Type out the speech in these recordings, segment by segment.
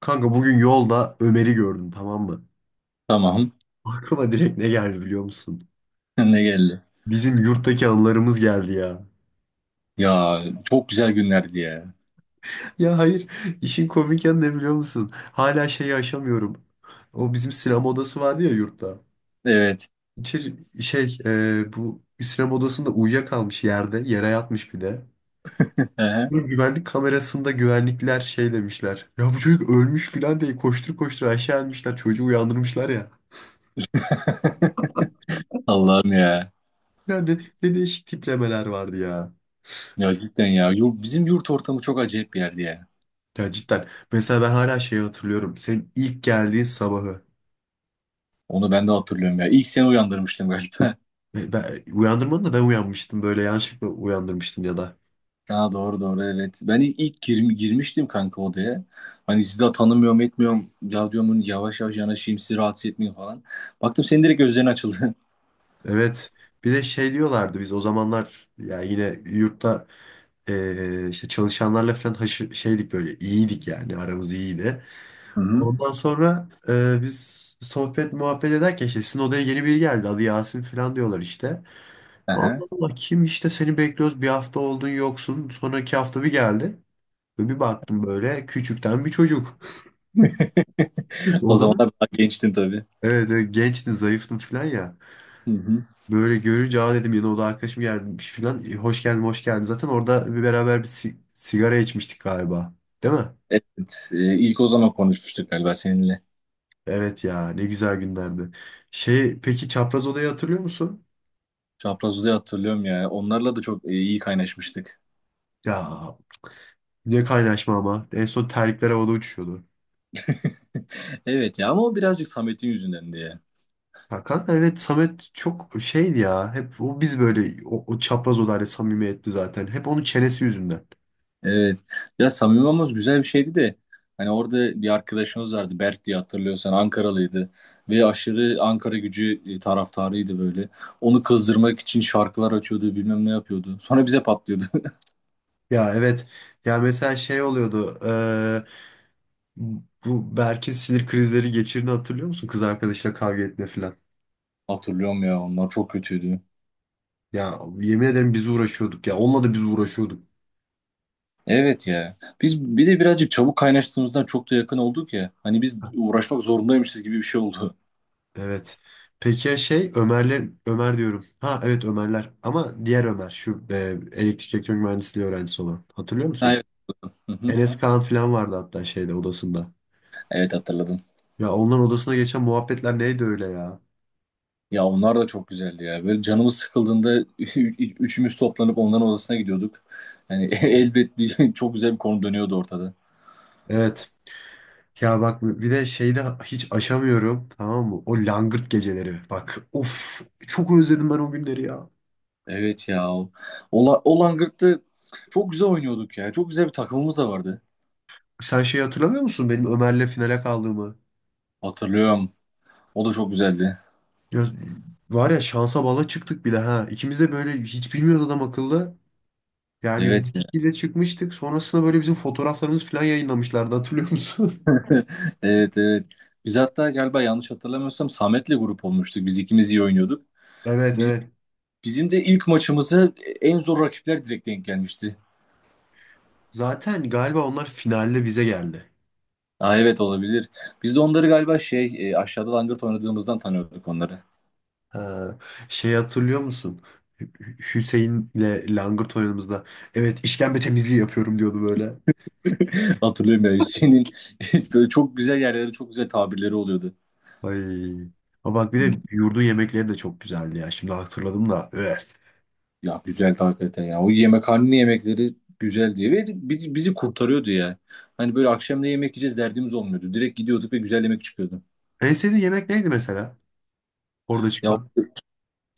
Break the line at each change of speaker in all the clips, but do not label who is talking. Kanka bugün yolda Ömer'i gördüm tamam mı?
Tamam.
Aklıma direkt ne geldi biliyor musun?
Ne geldi?
Bizim yurttaki anılarımız geldi ya.
Ya çok güzel günlerdi ya.
Ya hayır işin komik yanı ne biliyor musun? Hala şeyi aşamıyorum. O bizim sinema odası vardı ya yurtta.
Evet.
İçeri, Bu sinema odasında uyuyakalmış yerde yere yatmış bir de.
Ehe.
Bu güvenlik kamerasında güvenlikler şey demişler. Ya bu çocuk ölmüş filan diye koştur koştur aşağı inmişler çocuğu uyandırmışlar ya.
Allah'ım ya.
Yani ne değişik tiplemeler vardı ya.
Ya cidden ya. Bizim yurt ortamı çok acayip bir yerdi ya.
Ya cidden. Mesela ben hala şeyi hatırlıyorum. Senin ilk geldiğin sabahı.
Onu ben de hatırlıyorum ya. İlk seni uyandırmıştım galiba.
Uyandırmadın da ben uyanmıştım. Böyle yanlışlıkla uyandırmıştın ya da.
Ha, doğru doğru, evet. Ben girmiştim kanka odaya. Hani sizi daha tanımıyorum etmiyorum. Ya diyorum hani yavaş yavaş yanaşayım, sizi rahatsız etmeyeyim falan. Baktım senin direkt gözlerin açıldı.
Evet. Bir de şey diyorlardı biz o zamanlar ya yine yurtta işte çalışanlarla falan şeydik böyle iyiydik yani aramız iyiydi.
Hı hı.
Ondan sonra biz sohbet muhabbet ederken işte sizin odaya yeni biri geldi adı Yasin falan diyorlar işte.
Aha.
Allah Allah kim işte seni bekliyoruz bir hafta oldun yoksun sonraki hafta bir geldi. Ve bir baktım böyle küçükten bir çocuk.
O
O zaman
zamanlar daha gençtim tabii.
evet, evet gençtim zayıftım falan ya.
Hı hı.
Böyle görünce aa dedim yine o da arkadaşım gelmiş falan. E, hoş geldin hoş geldin. Zaten orada bir beraber bir sigara içmiştik galiba. Değil mi?
Evet. İlk o zaman konuşmuştuk galiba seninle.
Evet ya ne güzel günlerdi. Şey peki çapraz odayı hatırlıyor musun?
Çapraz Uzay'ı hatırlıyorum ya. Onlarla da çok iyi kaynaşmıştık.
Ya ne kaynaşma ama. En son terlikler havada uçuşuyordu.
Evet ya, ama o birazcık Samet'in yüzünden diye.
Hakan evet Samet çok şeydi ya. Hep o biz böyle o çapraz odayla samimiyetli zaten. Hep onun çenesi yüzünden.
Evet. Ya Samimi Mamos güzel bir şeydi de hani orada bir arkadaşımız vardı, Berk diye, hatırlıyorsan Ankaralıydı ve aşırı Ankara Gücü taraftarıydı böyle. Onu kızdırmak için şarkılar açıyordu, bilmem ne yapıyordu. Sonra bize patlıyordu.
Ya evet. Ya mesela şey oluyordu. Bu Berk'in sinir krizleri geçirdiğini hatırlıyor musun? Kız arkadaşıyla kavga ettiğinde falan.
Hatırlıyorum ya, onlar çok kötüydü.
Ya yemin ederim biz uğraşıyorduk. Ya onunla da biz uğraşıyorduk.
Evet ya. Biz bir de birazcık çabuk kaynaştığımızdan çok da yakın olduk ya. Hani biz uğraşmak zorundaymışız gibi bir şey oldu.
Evet. Peki ya şey Ömerler Ömer diyorum. Ha evet Ömerler. Ama diğer Ömer şu elektrik elektronik mühendisliği öğrencisi olan. Hatırlıyor musun?
Evet. Hı hı.
Enes Kaan falan vardı hatta şeyde odasında.
Evet, hatırladım.
Ya onların odasına geçen muhabbetler neydi öyle ya?
Ya onlar da çok güzeldi ya. Böyle canımız sıkıldığında üçümüz toplanıp onların odasına gidiyorduk. Yani elbet bir çok güzel bir konu dönüyordu ortada.
Evet. Ya bak bir de şeyde hiç aşamıyorum tamam mı? O langırt geceleri. Bak of çok özledim ben o günleri ya.
Evet ya. Ola, o Langırt'ta çok güzel oynuyorduk ya. Çok güzel bir takımımız da vardı.
Sen şey hatırlamıyor musun benim Ömer'le finale kaldığımı?
Hatırlıyorum. O da çok güzeldi.
Ya, var ya şansa bala çıktık bir de ha. İkimiz de böyle hiç bilmiyoruz adam akıllı. Yani
Evet.
bir de çıkmıştık. Sonrasında böyle bizim fotoğraflarımız falan yayınlamışlardı hatırlıyor musun?
Evet evet. Biz hatta galiba, yanlış hatırlamıyorsam, Samet'le grup olmuştuk. Biz ikimiz iyi oynuyorduk.
Evet,
Biz,
evet.
Bizim de ilk maçımıza en zor rakipler direkt denk gelmişti.
Zaten galiba onlar finalde bize geldi.
Aa, evet, olabilir. Biz de onları galiba aşağıda langırt oynadığımızdan tanıyorduk onları.
Ha, şey hatırlıyor musun? Hüseyin'le langırt oynadığımızda evet işkembe temizliği yapıyorum diyordu böyle.
Hatırlıyorum ya Hüseyin'in böyle çok güzel yerlere çok güzel tabirleri oluyordu.
Ay. Ama bak bir
Hı.
de yurdun yemekleri de çok güzeldi ya. Şimdi hatırladım da. Öf.
Ya güzel hakikaten ya. O yemekhane yemekleri güzel diye ve bizi kurtarıyordu ya. Hani böyle akşam ne yemek yiyeceğiz derdimiz olmuyordu. Direkt gidiyorduk ve güzel yemek çıkıyordu.
En sevdiğin yemek neydi mesela? Orada
Ya
çıkan.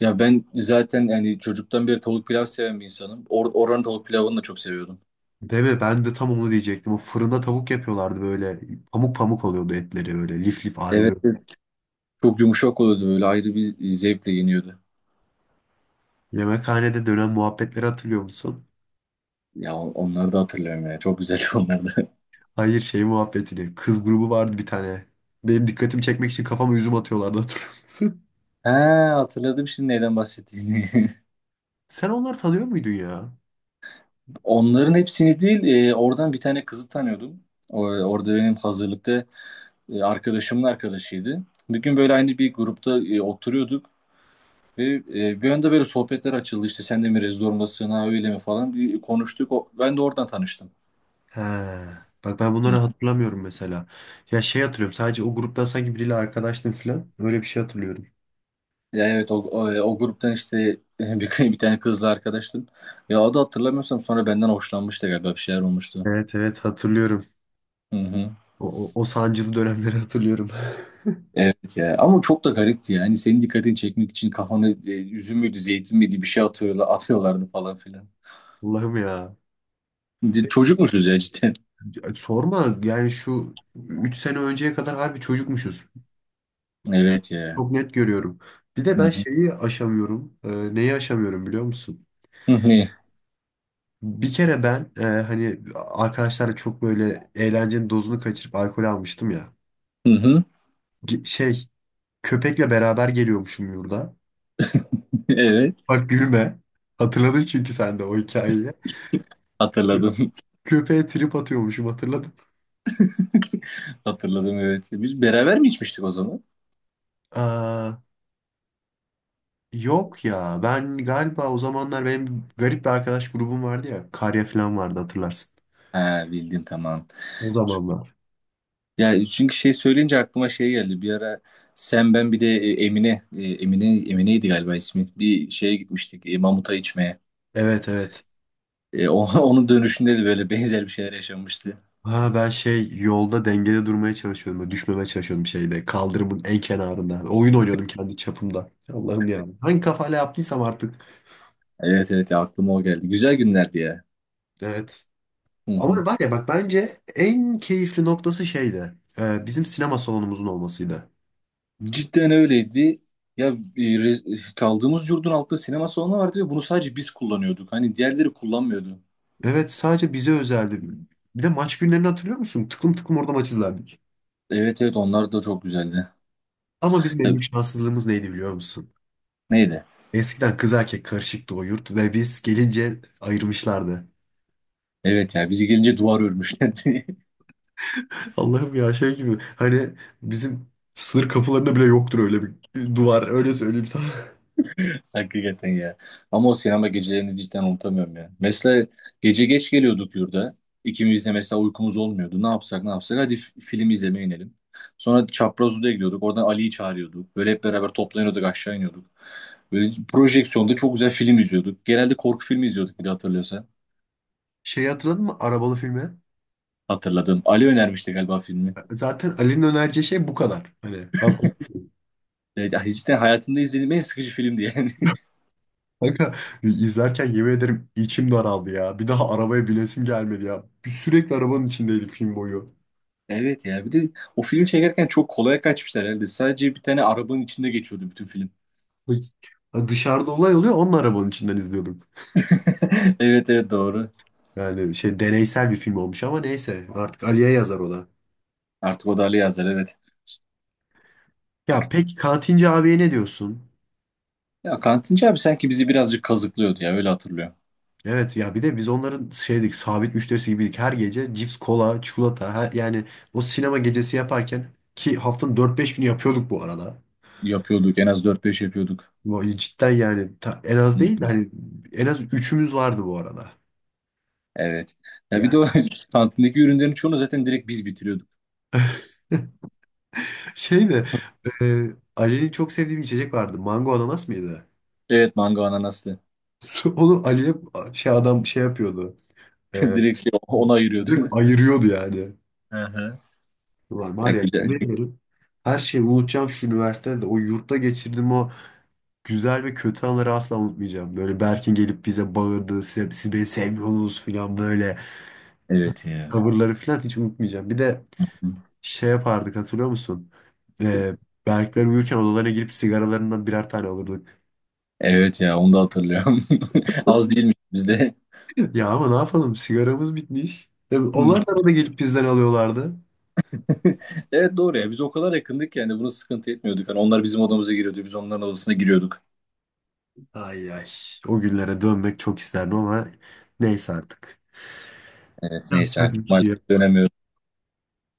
ya, ben zaten yani çocuktan beri tavuk pilav seven bir insanım. Oranın tavuk pilavını da çok seviyordum.
Değil mi? Ben de tam onu diyecektim. O fırında tavuk yapıyorlardı böyle. Pamuk pamuk oluyordu etleri böyle. Lif lif
Evet,
ayrılıyor.
evet. Çok yumuşak oluyordu, böyle ayrı bir zevkle yeniyordu.
Yemekhanede dönen muhabbetleri hatırlıyor musun?
Ya onları da hatırlıyorum ya. Çok güzel onları da.
Hayır şey muhabbetini. Kız grubu vardı bir tane. Benim dikkatimi çekmek için kafama üzüm atıyorlardı hatırlıyorum.
He, hatırladım şimdi neyden bahsettiğini.
Sen onları tanıyor muydun ya?
Onların hepsini değil, oradan bir tane kızı tanıyordum. O, orada benim hazırlıkta arkadaşımın arkadaşıydı. Bir gün böyle aynı bir grupta oturuyorduk. Ve bir anda böyle sohbetler açıldı, işte sen de mi rezidor musun, ha öyle mi falan, bir konuştuk. O, ben de oradan tanıştım.
He. Bak ben bunları
Hı.
hatırlamıyorum mesela. Ya şey hatırlıyorum. Sadece o gruptan sanki biriyle arkadaştım falan. Öyle bir şey hatırlıyorum.
Ya evet, o gruptan işte bir tane kızla arkadaştım. Ya o da, hatırlamıyorsam, sonra benden hoşlanmıştı galiba, bir şeyler olmuştu.
Evet, evet hatırlıyorum.
Hı hı.
O sancılı dönemleri hatırlıyorum.
Evet ya, ama çok da garipti yani. Senin dikkatini çekmek için kafanı üzüm müydü zeytin miydi bir şey atıyorlardı falan filan.
Allah'ım ya. Peki,
Çocukmuşuz ya cidden.
sorma yani şu 3 sene önceye kadar harbi çocukmuşuz.
Evet ya.
Çok net görüyorum. Bir de
Hı
ben
hı.
şeyi aşamıyorum. Neyi aşamıyorum biliyor musun?
Hı hı.
Bir kere ben hani arkadaşlarla çok böyle eğlencenin dozunu kaçırıp alkol almıştım ya.
Hı hı.
Ge- Şey Köpekle beraber geliyormuşum yurda.
Evet,
Bak gülme. Hatırladın çünkü sen de o hikayeyi.
hatırladım.
Köpeğe trip atıyormuşum hatırladım.
Hatırladım, evet. Biz beraber mi içmiştik o zaman?
Aa, yok ya ben galiba o zamanlar benim garip bir arkadaş grubum vardı ya. Karya falan vardı hatırlarsın.
Ha, bildim, tamam.
O zamanlar.
Ya çünkü şey söyleyince aklıma şey geldi. Bir ara sen, ben bir de Emine'ydi galiba ismi. Bir şeye gitmiştik, mamuta içmeye.
Evet, evet.
Onun dönüşünde de böyle benzer bir şeyler yaşanmıştı.
Ha ben şey yolda dengede durmaya çalışıyordum. Böyle düşmemeye çalışıyordum şeyde. Kaldırımın en kenarında. Oyun oynuyordum kendi çapımda. Allah'ım ya. Hangi kafayla yaptıysam artık.
Evet evet ya, aklıma o geldi. Güzel günlerdi ya.
Evet.
Hı hı.
Ama var ya bak bence en keyifli noktası şeydi. Bizim sinema salonumuzun olmasıydı.
Cidden öyleydi. Ya kaldığımız yurdun altında sinema salonu vardı ve bunu sadece biz kullanıyorduk. Hani diğerleri kullanmıyordu.
Evet, sadece bize özeldi. Bir de maç günlerini hatırlıyor musun? Tıklım tıklım orada maç izlerdik.
Evet evet, onlar da çok güzeldi.
Ama bizim en
Ya,
büyük şanssızlığımız neydi biliyor musun?
neydi?
Eskiden kız erkek karışıktı o yurt ve biz gelince ayırmışlardı.
Evet ya, bizi gelince duvar örmüşlerdi.
Allah'ım ya şey gibi hani bizim sınır kapılarında bile yoktur öyle bir duvar öyle söyleyeyim sana.
Hakikaten ya. Ama o sinema gecelerini cidden unutamıyorum ya. Mesela gece geç geliyorduk yurda. İkimiz de mesela uykumuz olmuyordu. Ne yapsak ne yapsak, hadi film izlemeye inelim. Sonra Çapraz Oda'ya gidiyorduk. Oradan Ali'yi çağırıyorduk. Böyle hep beraber toplanıyorduk, aşağı iniyorduk. Böyle projeksiyonda çok güzel film izliyorduk. Genelde korku filmi izliyorduk, bir de hatırlıyorsan.
Şeyi hatırladın mı arabalı filmi?
Hatırladım. Ali önermişti galiba filmi.
Zaten Ali'nin önereceği şey bu kadar. Hani anladın mı?
Evet, cidden hayatımda izlediğim en sıkıcı filmdi yani.
Kanka izlerken yemin ederim içim daraldı ya. Bir daha arabaya binesim gelmedi ya. Biz sürekli arabanın içindeydik film boyu.
Evet ya, bir de o filmi çekerken çok kolay kaçmışlar herhalde. Sadece bir tane arabanın içinde geçiyordu bütün film.
Bak, dışarıda olay oluyor onun arabanın içinden izliyorduk.
Evet evet, doğru.
Yani şey deneysel bir film olmuş ama neyse artık Ali'ye yazar o da.
Artık o da Ali Yazar, evet.
Ya peki kantinci abiye ne diyorsun?
Ya kantinci abi sanki bizi birazcık kazıklıyordu ya, öyle hatırlıyorum.
Evet ya bir de biz onların şeydik, sabit müşterisi gibiydik. Her gece cips, kola, çikolata her, yani o sinema gecesi yaparken ki haftanın 4-5 günü yapıyorduk bu arada.
Yapıyorduk, en az dört beş yapıyorduk.
Vay, cidden yani en az değil
Hı,
de hani en az üçümüz vardı bu arada.
evet. Ya bir
Yani.
de o kantindeki ürünlerin çoğunu zaten direkt biz bitiriyorduk.
Şey de e, Ali'nin çok sevdiği bir içecek vardı. Mango ananas mıydı?
Evet, mango ananaslı.
Onu Ali'ye şey adam şey yapıyordu. E,
Direkt şey, ona
Direkt
ayırıyordu.
ayırıyordu yani.
Hı hı.
Ulan var
Ya
ya yemin
güzel.
ederim her şeyi unutacağım şu üniversitede o yurtta geçirdiğim o güzel ve kötü anları asla unutmayacağım. Böyle Berk'in gelip bize bağırdı. Siz beni sevmiyorsunuz falan böyle.
Evet ya.
Tavırları falan hiç unutmayacağım. Bir de şey yapardık hatırlıyor musun? E, Berkler uyurken odalarına girip sigaralarından birer tane alırdık.
Evet ya, onu da hatırlıyorum. Az değilmiş bizde.
Ya ama ne yapalım sigaramız bitmiş. Tabii
Hı.
onlar da arada gelip bizden alıyorlardı.
Evet, doğru ya, biz o kadar yakındık ki yani bunu sıkıntı etmiyorduk. Hani onlar bizim odamıza giriyordu, biz onların odasına giriyorduk.
Ay ay o günlere dönmek çok isterdim ama neyse artık.
Evet, neyse
Yapacak bir
artık,
şey yok.
maalesef dönemiyoruz.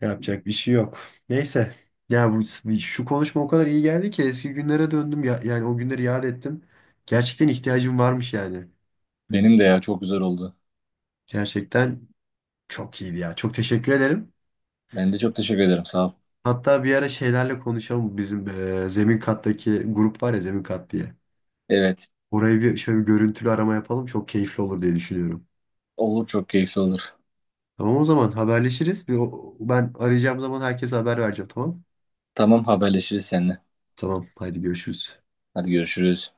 Yapacak bir şey yok. Neyse. Ya bu şu konuşma o kadar iyi geldi ki eski günlere döndüm ya, yani o günleri yad ettim. Gerçekten ihtiyacım varmış yani.
Benim de ya, çok güzel oldu.
Gerçekten çok iyiydi ya. Çok teşekkür ederim.
Ben de çok teşekkür ederim, sağ ol.
Hatta bir ara şeylerle konuşalım. Bizim zemin kattaki grup var ya zemin kat diye.
Evet,
Oraya bir şöyle bir görüntülü arama yapalım. Çok keyifli olur diye düşünüyorum.
olur, çok keyifli olur.
Tamam o zaman haberleşiriz. Ben arayacağım zaman herkese haber vereceğim tamam?
Tamam, haberleşiriz seninle.
Tamam haydi görüşürüz.
Hadi görüşürüz.